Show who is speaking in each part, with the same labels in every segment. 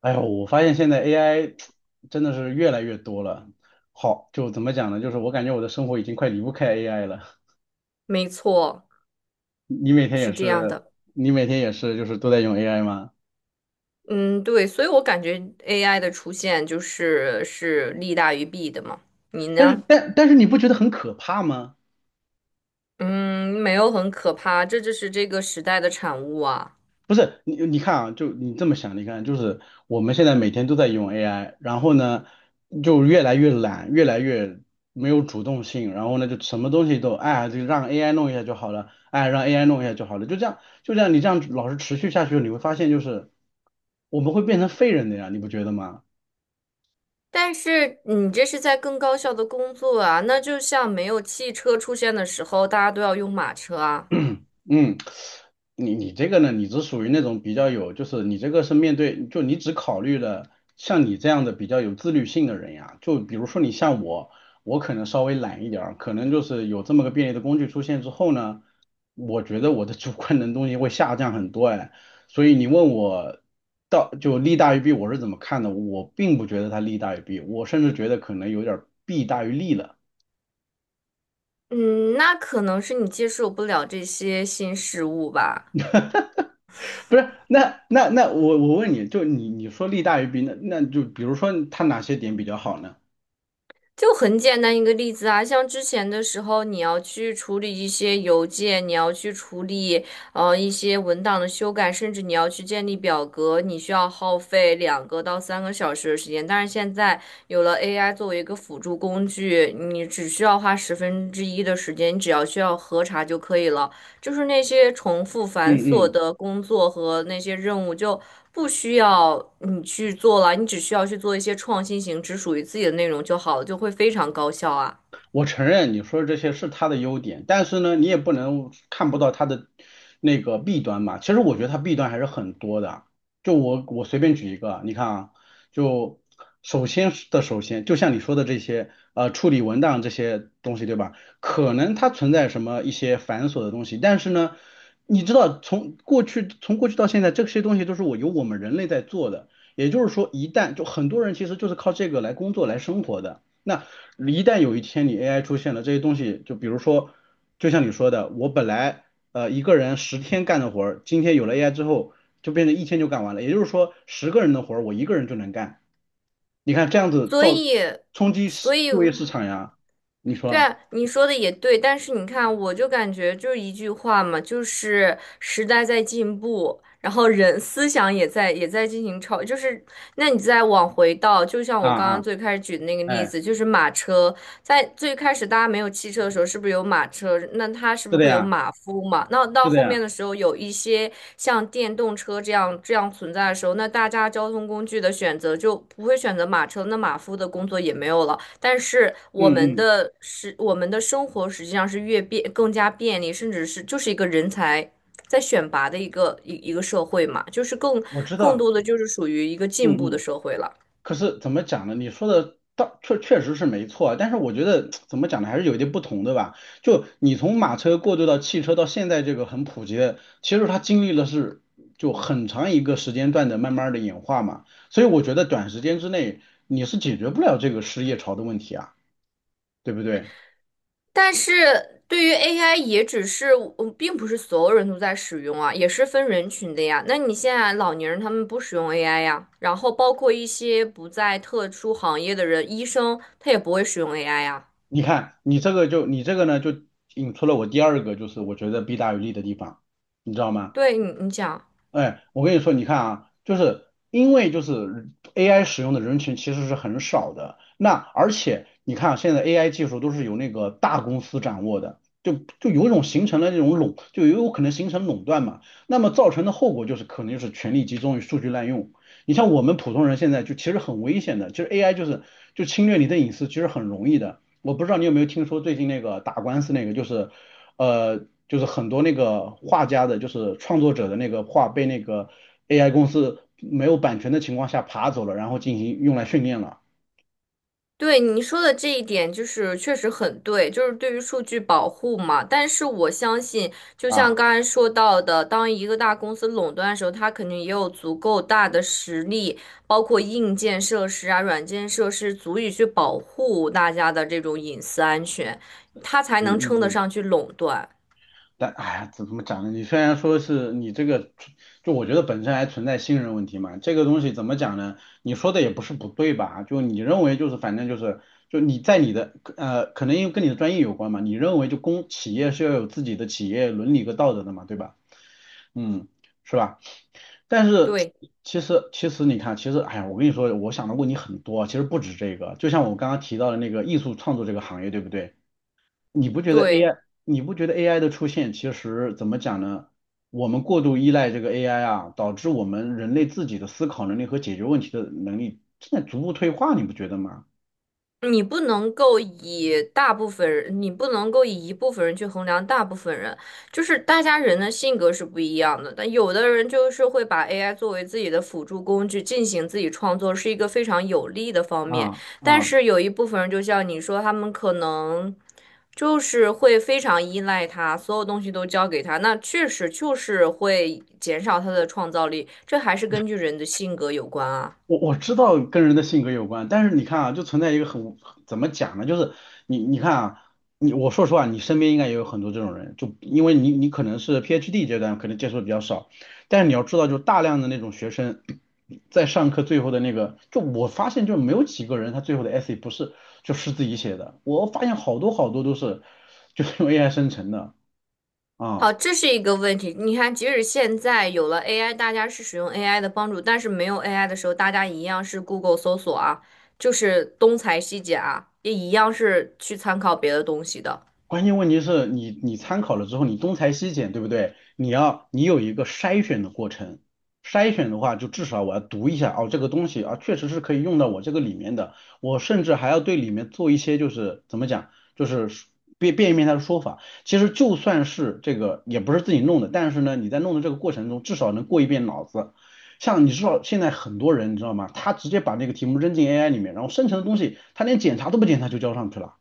Speaker 1: 哎呦，我发现现在 AI 真的是越来越多了。好，就怎么讲呢？就是我感觉我的生活已经快离不开 AI 了。
Speaker 2: 没错，
Speaker 1: 你每天也
Speaker 2: 是这样
Speaker 1: 是，
Speaker 2: 的。
Speaker 1: 你每天也是，就是都在用 AI 吗？
Speaker 2: 嗯，对，所以我感觉 AI 的出现就是利大于弊的嘛。你
Speaker 1: 但是，
Speaker 2: 呢？
Speaker 1: 但但是你不觉得很可怕吗？
Speaker 2: 嗯，没有很可怕，这就是这个时代的产物啊。
Speaker 1: 不是你，你看啊，就你这么想，你看，就是我们现在每天都在用 AI，然后呢，就越来越懒，越来越没有主动性，然后呢，就什么东西都，哎，就让 AI 弄一下就好了，哎，让 AI 弄一下就好了，就这样，就这样，你这样老是持续下去，你会发现就是我们会变成废人的呀，你不觉得吗？
Speaker 2: 但是你这是在更高效的工作啊，那就像没有汽车出现的时候，大家都要用马车啊。
Speaker 1: 嗯，你这个呢，你只属于那种比较有，就是你这个是面对，就你只考虑了像你这样的比较有自律性的人呀。就比如说你像我，我可能稍微懒一点儿，可能就是有这么个便利的工具出现之后呢，我觉得我的主观能动性会下降很多哎。所以你问我到就利大于弊，我是怎么看的？我并不觉得它利大于弊，我甚至觉得可能有点儿弊大于利了。
Speaker 2: 嗯，那可能是你接受不了这些新事物吧。
Speaker 1: 不是，那我问你，就你说利大于弊，那就比如说它哪些点比较好呢？
Speaker 2: 就很简单一个例子啊，像之前的时候，你要去处理一些邮件，你要去处理一些文档的修改，甚至你要去建立表格，你需要耗费2个到3个小时的时间。但是现在有了 AI 作为一个辅助工具，你只需要花十分之一的时间，你只要需要核查就可以了。就是那些重复繁琐
Speaker 1: 嗯
Speaker 2: 的工作和那些任务就不需要你去做了，你只需要去做一些创新型、只属于自己的内容就好了，就会非常高效啊。
Speaker 1: 我承认你说的这些是他的优点，但是呢，你也不能看不到他的那个弊端嘛。其实我觉得他弊端还是很多的。就我随便举一个，你看啊，就首先，就像你说的这些处理文档这些东西，对吧？可能它存在什么一些繁琐的东西，但是呢，你知道从过去到现在，这些东西都是由我们人类在做的。也就是说，一旦就很多人其实就是靠这个来工作来生活的。那一旦有一天你 AI 出现了，这些东西就比如说，就像你说的，我本来一个人10天干的活儿，今天有了 AI 之后，就变成一天就干完了。也就是说，10个人的活儿我一个人就能干。你看这样子
Speaker 2: 所
Speaker 1: 造
Speaker 2: 以，
Speaker 1: 冲击市
Speaker 2: 所以，
Speaker 1: 就业市场呀，你
Speaker 2: 对
Speaker 1: 说
Speaker 2: 啊，你说的也对，但是你看，我就感觉就是一句话嘛，就是时代在进步，然后人思想也在进行超，就是那你再往回到，就像
Speaker 1: 啊
Speaker 2: 我刚刚
Speaker 1: 啊，
Speaker 2: 最开始举的那个例
Speaker 1: 哎，
Speaker 2: 子，就是马车。在最开始大家没有汽车的时候，是不是有马车？那它是不
Speaker 1: 是
Speaker 2: 是
Speaker 1: 的
Speaker 2: 会有
Speaker 1: 呀，
Speaker 2: 马夫嘛？那到
Speaker 1: 是的
Speaker 2: 后
Speaker 1: 呀，
Speaker 2: 面的时候，有一些像电动车这样存在的时候，那大家交通工具的选择就不会选择马车，那马夫的工作也没有了。但是
Speaker 1: 嗯嗯，
Speaker 2: 我们的生活实际上是更加便利，甚至是就是一个人才在选拔的一个社会嘛，就是
Speaker 1: 我知
Speaker 2: 更
Speaker 1: 道，
Speaker 2: 多的就是属于一个进
Speaker 1: 嗯
Speaker 2: 步的
Speaker 1: 嗯。
Speaker 2: 社会了。
Speaker 1: 可是怎么讲呢？你说的倒确实是没错啊，但是我觉得怎么讲呢，还是有一点不同的吧。就你从马车过渡到汽车，到现在这个很普及的，其实它经历了就很长一个时间段的慢慢的演化嘛。所以我觉得短时间之内你是解决不了这个失业潮的问题啊，对不对？
Speaker 2: 但是对于 AI 也只是，嗯并不是所有人都在使用啊，也是分人群的呀。那你现在老年人他们不使用 AI 呀，然后包括一些不在特殊行业的人，医生他也不会使用 AI 呀。
Speaker 1: 你看你这个呢，就引出了我第二个就是我觉得弊大于利的地方，你知道吗？
Speaker 2: 你讲。
Speaker 1: 哎，我跟你说，你看啊，就是因为就是 AI 使用的人群其实是很少的，那而且你看啊现在 AI 技术都是由那个大公司掌握的，就有一种形成了那种就有可能形成垄断嘛，那么造成的后果就是可能就是权力集中与数据滥用。你像我们普通人现在就其实很危险的，其实 AI 就侵略你的隐私，其实很容易的。我不知道你有没有听说最近那个打官司那个，就是很多那个画家的，就是创作者的那个画被那个 AI 公司没有版权的情况下爬走了，然后进行用来训练了
Speaker 2: 对你说的这一点，就是确实很对，就是对于数据保护嘛。但是我相信，就像
Speaker 1: 啊，
Speaker 2: 刚才说到的，当一个大公司垄断的时候，它肯定也有足够大的实力，包括硬件设施啊、软件设施，足以去保护大家的这种隐私安全，它才
Speaker 1: 嗯
Speaker 2: 能称
Speaker 1: 嗯
Speaker 2: 得
Speaker 1: 嗯，
Speaker 2: 上去垄断。
Speaker 1: 但哎呀，怎么讲呢？你虽然说是你这个，就我觉得本身还存在信任问题嘛，这个东西怎么讲呢？你说的也不是不对吧？就你认为就是反正就是。就你在你的可能因为跟你的专业有关嘛，你认为就公企业是要有自己的企业伦理和道德的嘛，对吧？嗯，是吧？但是
Speaker 2: 对
Speaker 1: 其实你看，其实哎呀，我跟你说，我想的问题很多，其实不止这个。就像我刚刚提到的那个艺术创作这个行业，对不对？你不觉得
Speaker 2: 对。
Speaker 1: AI，你不觉得 AI 的出现，其实怎么讲呢？我们过度依赖这个 AI 啊，导致我们人类自己的思考能力和解决问题的能力正在逐步退化，你不觉得吗？
Speaker 2: 你不能够以大部分人，你不能够以一部分人去衡量大部分人，就是大家人的性格是不一样的。但有的人就是会把 AI 作为自己的辅助工具进行自己创作，是一个非常有利的方面。
Speaker 1: 啊
Speaker 2: 但
Speaker 1: 啊。
Speaker 2: 是有一部分人，就像你说，他们可能就是会非常依赖他，所有东西都交给他，那确实就是会减少他的创造力。这还是根据人的性格有关啊。
Speaker 1: 我知道跟人的性格有关，但是你看啊，就存在一个很怎么讲呢？就是你看啊，我说实话，你身边应该也有很多这种人，就因为你可能是 PhD 阶段，可能接触的比较少，但是你要知道，就大量的那种学生在上课最后的那个，就我发现就没有几个人他最后的 essay 不是就是自己写的，我发现好多好多都是就是用 AI 生成的
Speaker 2: 好，
Speaker 1: 啊。
Speaker 2: 这是一个问题。你看，即使现在有了 AI，大家是使用 AI 的帮助，但是没有 AI 的时候，大家一样是 Google 搜索啊，就是东裁西剪啊，也一样是去参考别的东西的。
Speaker 1: 关键问题是你参考了之后，你东裁西剪，对不对？你有一个筛选的过程，筛选的话，就至少我要读一下哦，这个东西啊，确实是可以用到我这个里面的，我甚至还要对里面做一些就是怎么讲，就是变一变他的说法。其实就算是这个也不是自己弄的，但是呢，你在弄的这个过程中，至少能过一遍脑子。像你知道现在很多人你知道吗？他直接把那个题目扔进 AI 里面，然后生成的东西他连检查都不检查就交上去了。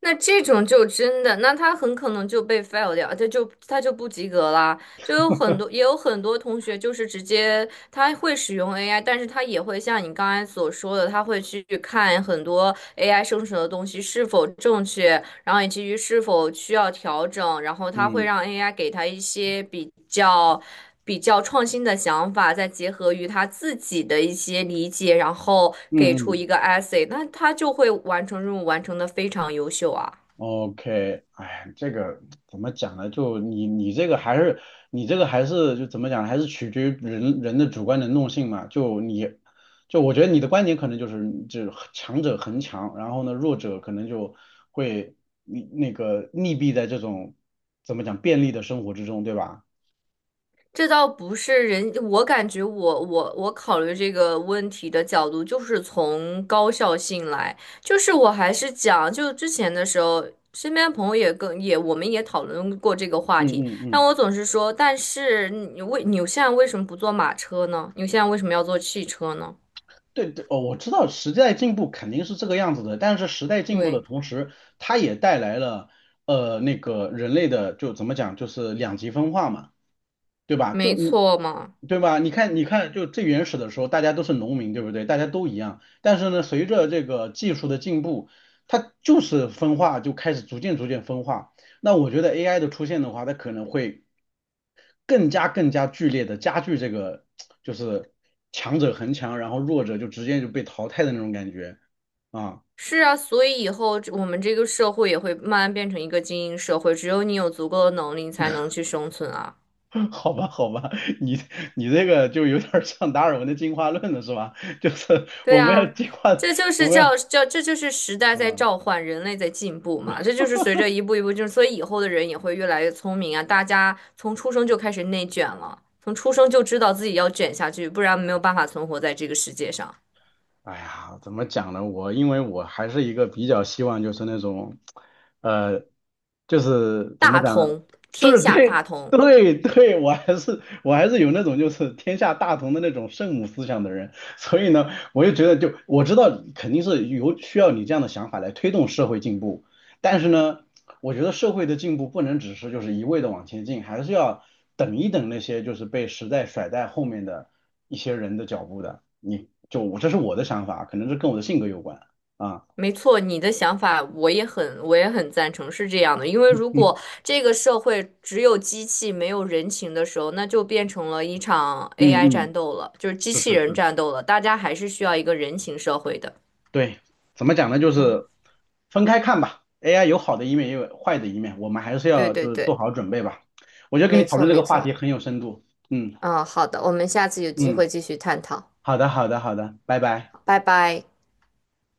Speaker 2: 那这种就真的，那他很可能就被 fail 掉，他就不及格啦。就有很多，也有很多同学就是直接他会使用 AI，但是他也会像你刚才所说的，他会去看很多 AI 生成的东西是否正确，然后以及于是否需要调整，然后它会
Speaker 1: 嗯
Speaker 2: 让 AI 给他一些比较创新的想法，再结合于他自己的一些理解，然后给
Speaker 1: 嗯
Speaker 2: 出
Speaker 1: 嗯。
Speaker 2: 一个 essay，那他就会完成任务，完成的非常优秀啊。
Speaker 1: OK，哎，这个怎么讲呢？就你这个还是就怎么讲呢，还是取决于人的主观能动性嘛。就我觉得你的观点可能就是强者恒强，然后呢弱者可能就会那个溺毙在这种怎么讲便利的生活之中，对吧？
Speaker 2: 这倒不是人，我感觉我考虑这个问题的角度就是从高效性来，就是我还是讲，就之前的时候，身边朋友也我们也讨论过这个话
Speaker 1: 嗯
Speaker 2: 题，
Speaker 1: 嗯
Speaker 2: 但
Speaker 1: 嗯。
Speaker 2: 我总是说，但是你现在为什么不坐马车呢？你现在为什么要坐汽车呢？
Speaker 1: 对对，哦，我知道时代进步肯定是这个样子的，但是时代进步的
Speaker 2: 对，
Speaker 1: 同时，它也带来了那个人类的就怎么讲，就是两极分化嘛，对吧？
Speaker 2: 没错嘛。
Speaker 1: 对吧？你看你看，就最原始的时候，大家都是农民，对不对？大家都一样，但是呢，随着这个技术的进步，它就是分化，就开始逐渐逐渐分化。那我觉得 AI 的出现的话，它可能会。更加更加剧烈的加剧这个就是强者恒强，然后弱者就直接就被淘汰的那种感觉啊
Speaker 2: 是啊，所以以后我们这个社会也会慢慢变成一个精英社会，只有你有足够的能力，你才能去生存啊。
Speaker 1: 好吧，好吧，你你这个就有点像达尔文的进化论了，是吧？就是
Speaker 2: 对
Speaker 1: 我们要
Speaker 2: 啊，
Speaker 1: 进化，
Speaker 2: 这就
Speaker 1: 我
Speaker 2: 是
Speaker 1: 们要，
Speaker 2: 叫，这就是时代在
Speaker 1: 嗯。
Speaker 2: 召唤，人类在进步嘛。这就是随着一步一步，就是所以以后的人也会越来越聪明啊。大家从出生就开始内卷了，从出生就知道自己要卷下去，不然没有办法存活在这个世界上。
Speaker 1: 哎呀，怎么讲呢？我因为我还是一个比较希望就是那种，呃，就是怎么
Speaker 2: 大
Speaker 1: 讲呢？
Speaker 2: 同，天
Speaker 1: 是
Speaker 2: 下大
Speaker 1: 对
Speaker 2: 同，
Speaker 1: 对对，我还是有那种就是天下大同的那种圣母思想的人，所以呢，我就觉得就我知道肯定是有需要你这样的想法来推动社会进步，但是呢。我觉得社会的进步不能只是就是一味的往前进，还是要等一等那些就是被时代甩在后面的一些人的脚步的。我这是我的想法，可能是跟我的性格有关啊。
Speaker 2: 没错，你的想法我也很，我也很赞成，是这样的。因为如果这个社会只有机器没有人情的时候，那就变成了一场
Speaker 1: 嗯
Speaker 2: AI 战
Speaker 1: 嗯，
Speaker 2: 斗了，就是机
Speaker 1: 是
Speaker 2: 器
Speaker 1: 是
Speaker 2: 人
Speaker 1: 是，
Speaker 2: 战斗了。大家还是需要一个人情社会的。
Speaker 1: 对，怎么讲呢？就
Speaker 2: 嗯，
Speaker 1: 是分开看吧。AI 有好的一面，也有坏的一面，我们还是
Speaker 2: 对
Speaker 1: 要
Speaker 2: 对
Speaker 1: 就是做
Speaker 2: 对，
Speaker 1: 好准备吧。我觉得跟你
Speaker 2: 没
Speaker 1: 讨
Speaker 2: 错
Speaker 1: 论这
Speaker 2: 没
Speaker 1: 个话题
Speaker 2: 错。
Speaker 1: 很有深度。嗯
Speaker 2: 嗯，好的，我们下次有机
Speaker 1: 嗯，
Speaker 2: 会继续探讨。
Speaker 1: 好的好的好的，拜拜。
Speaker 2: 拜拜。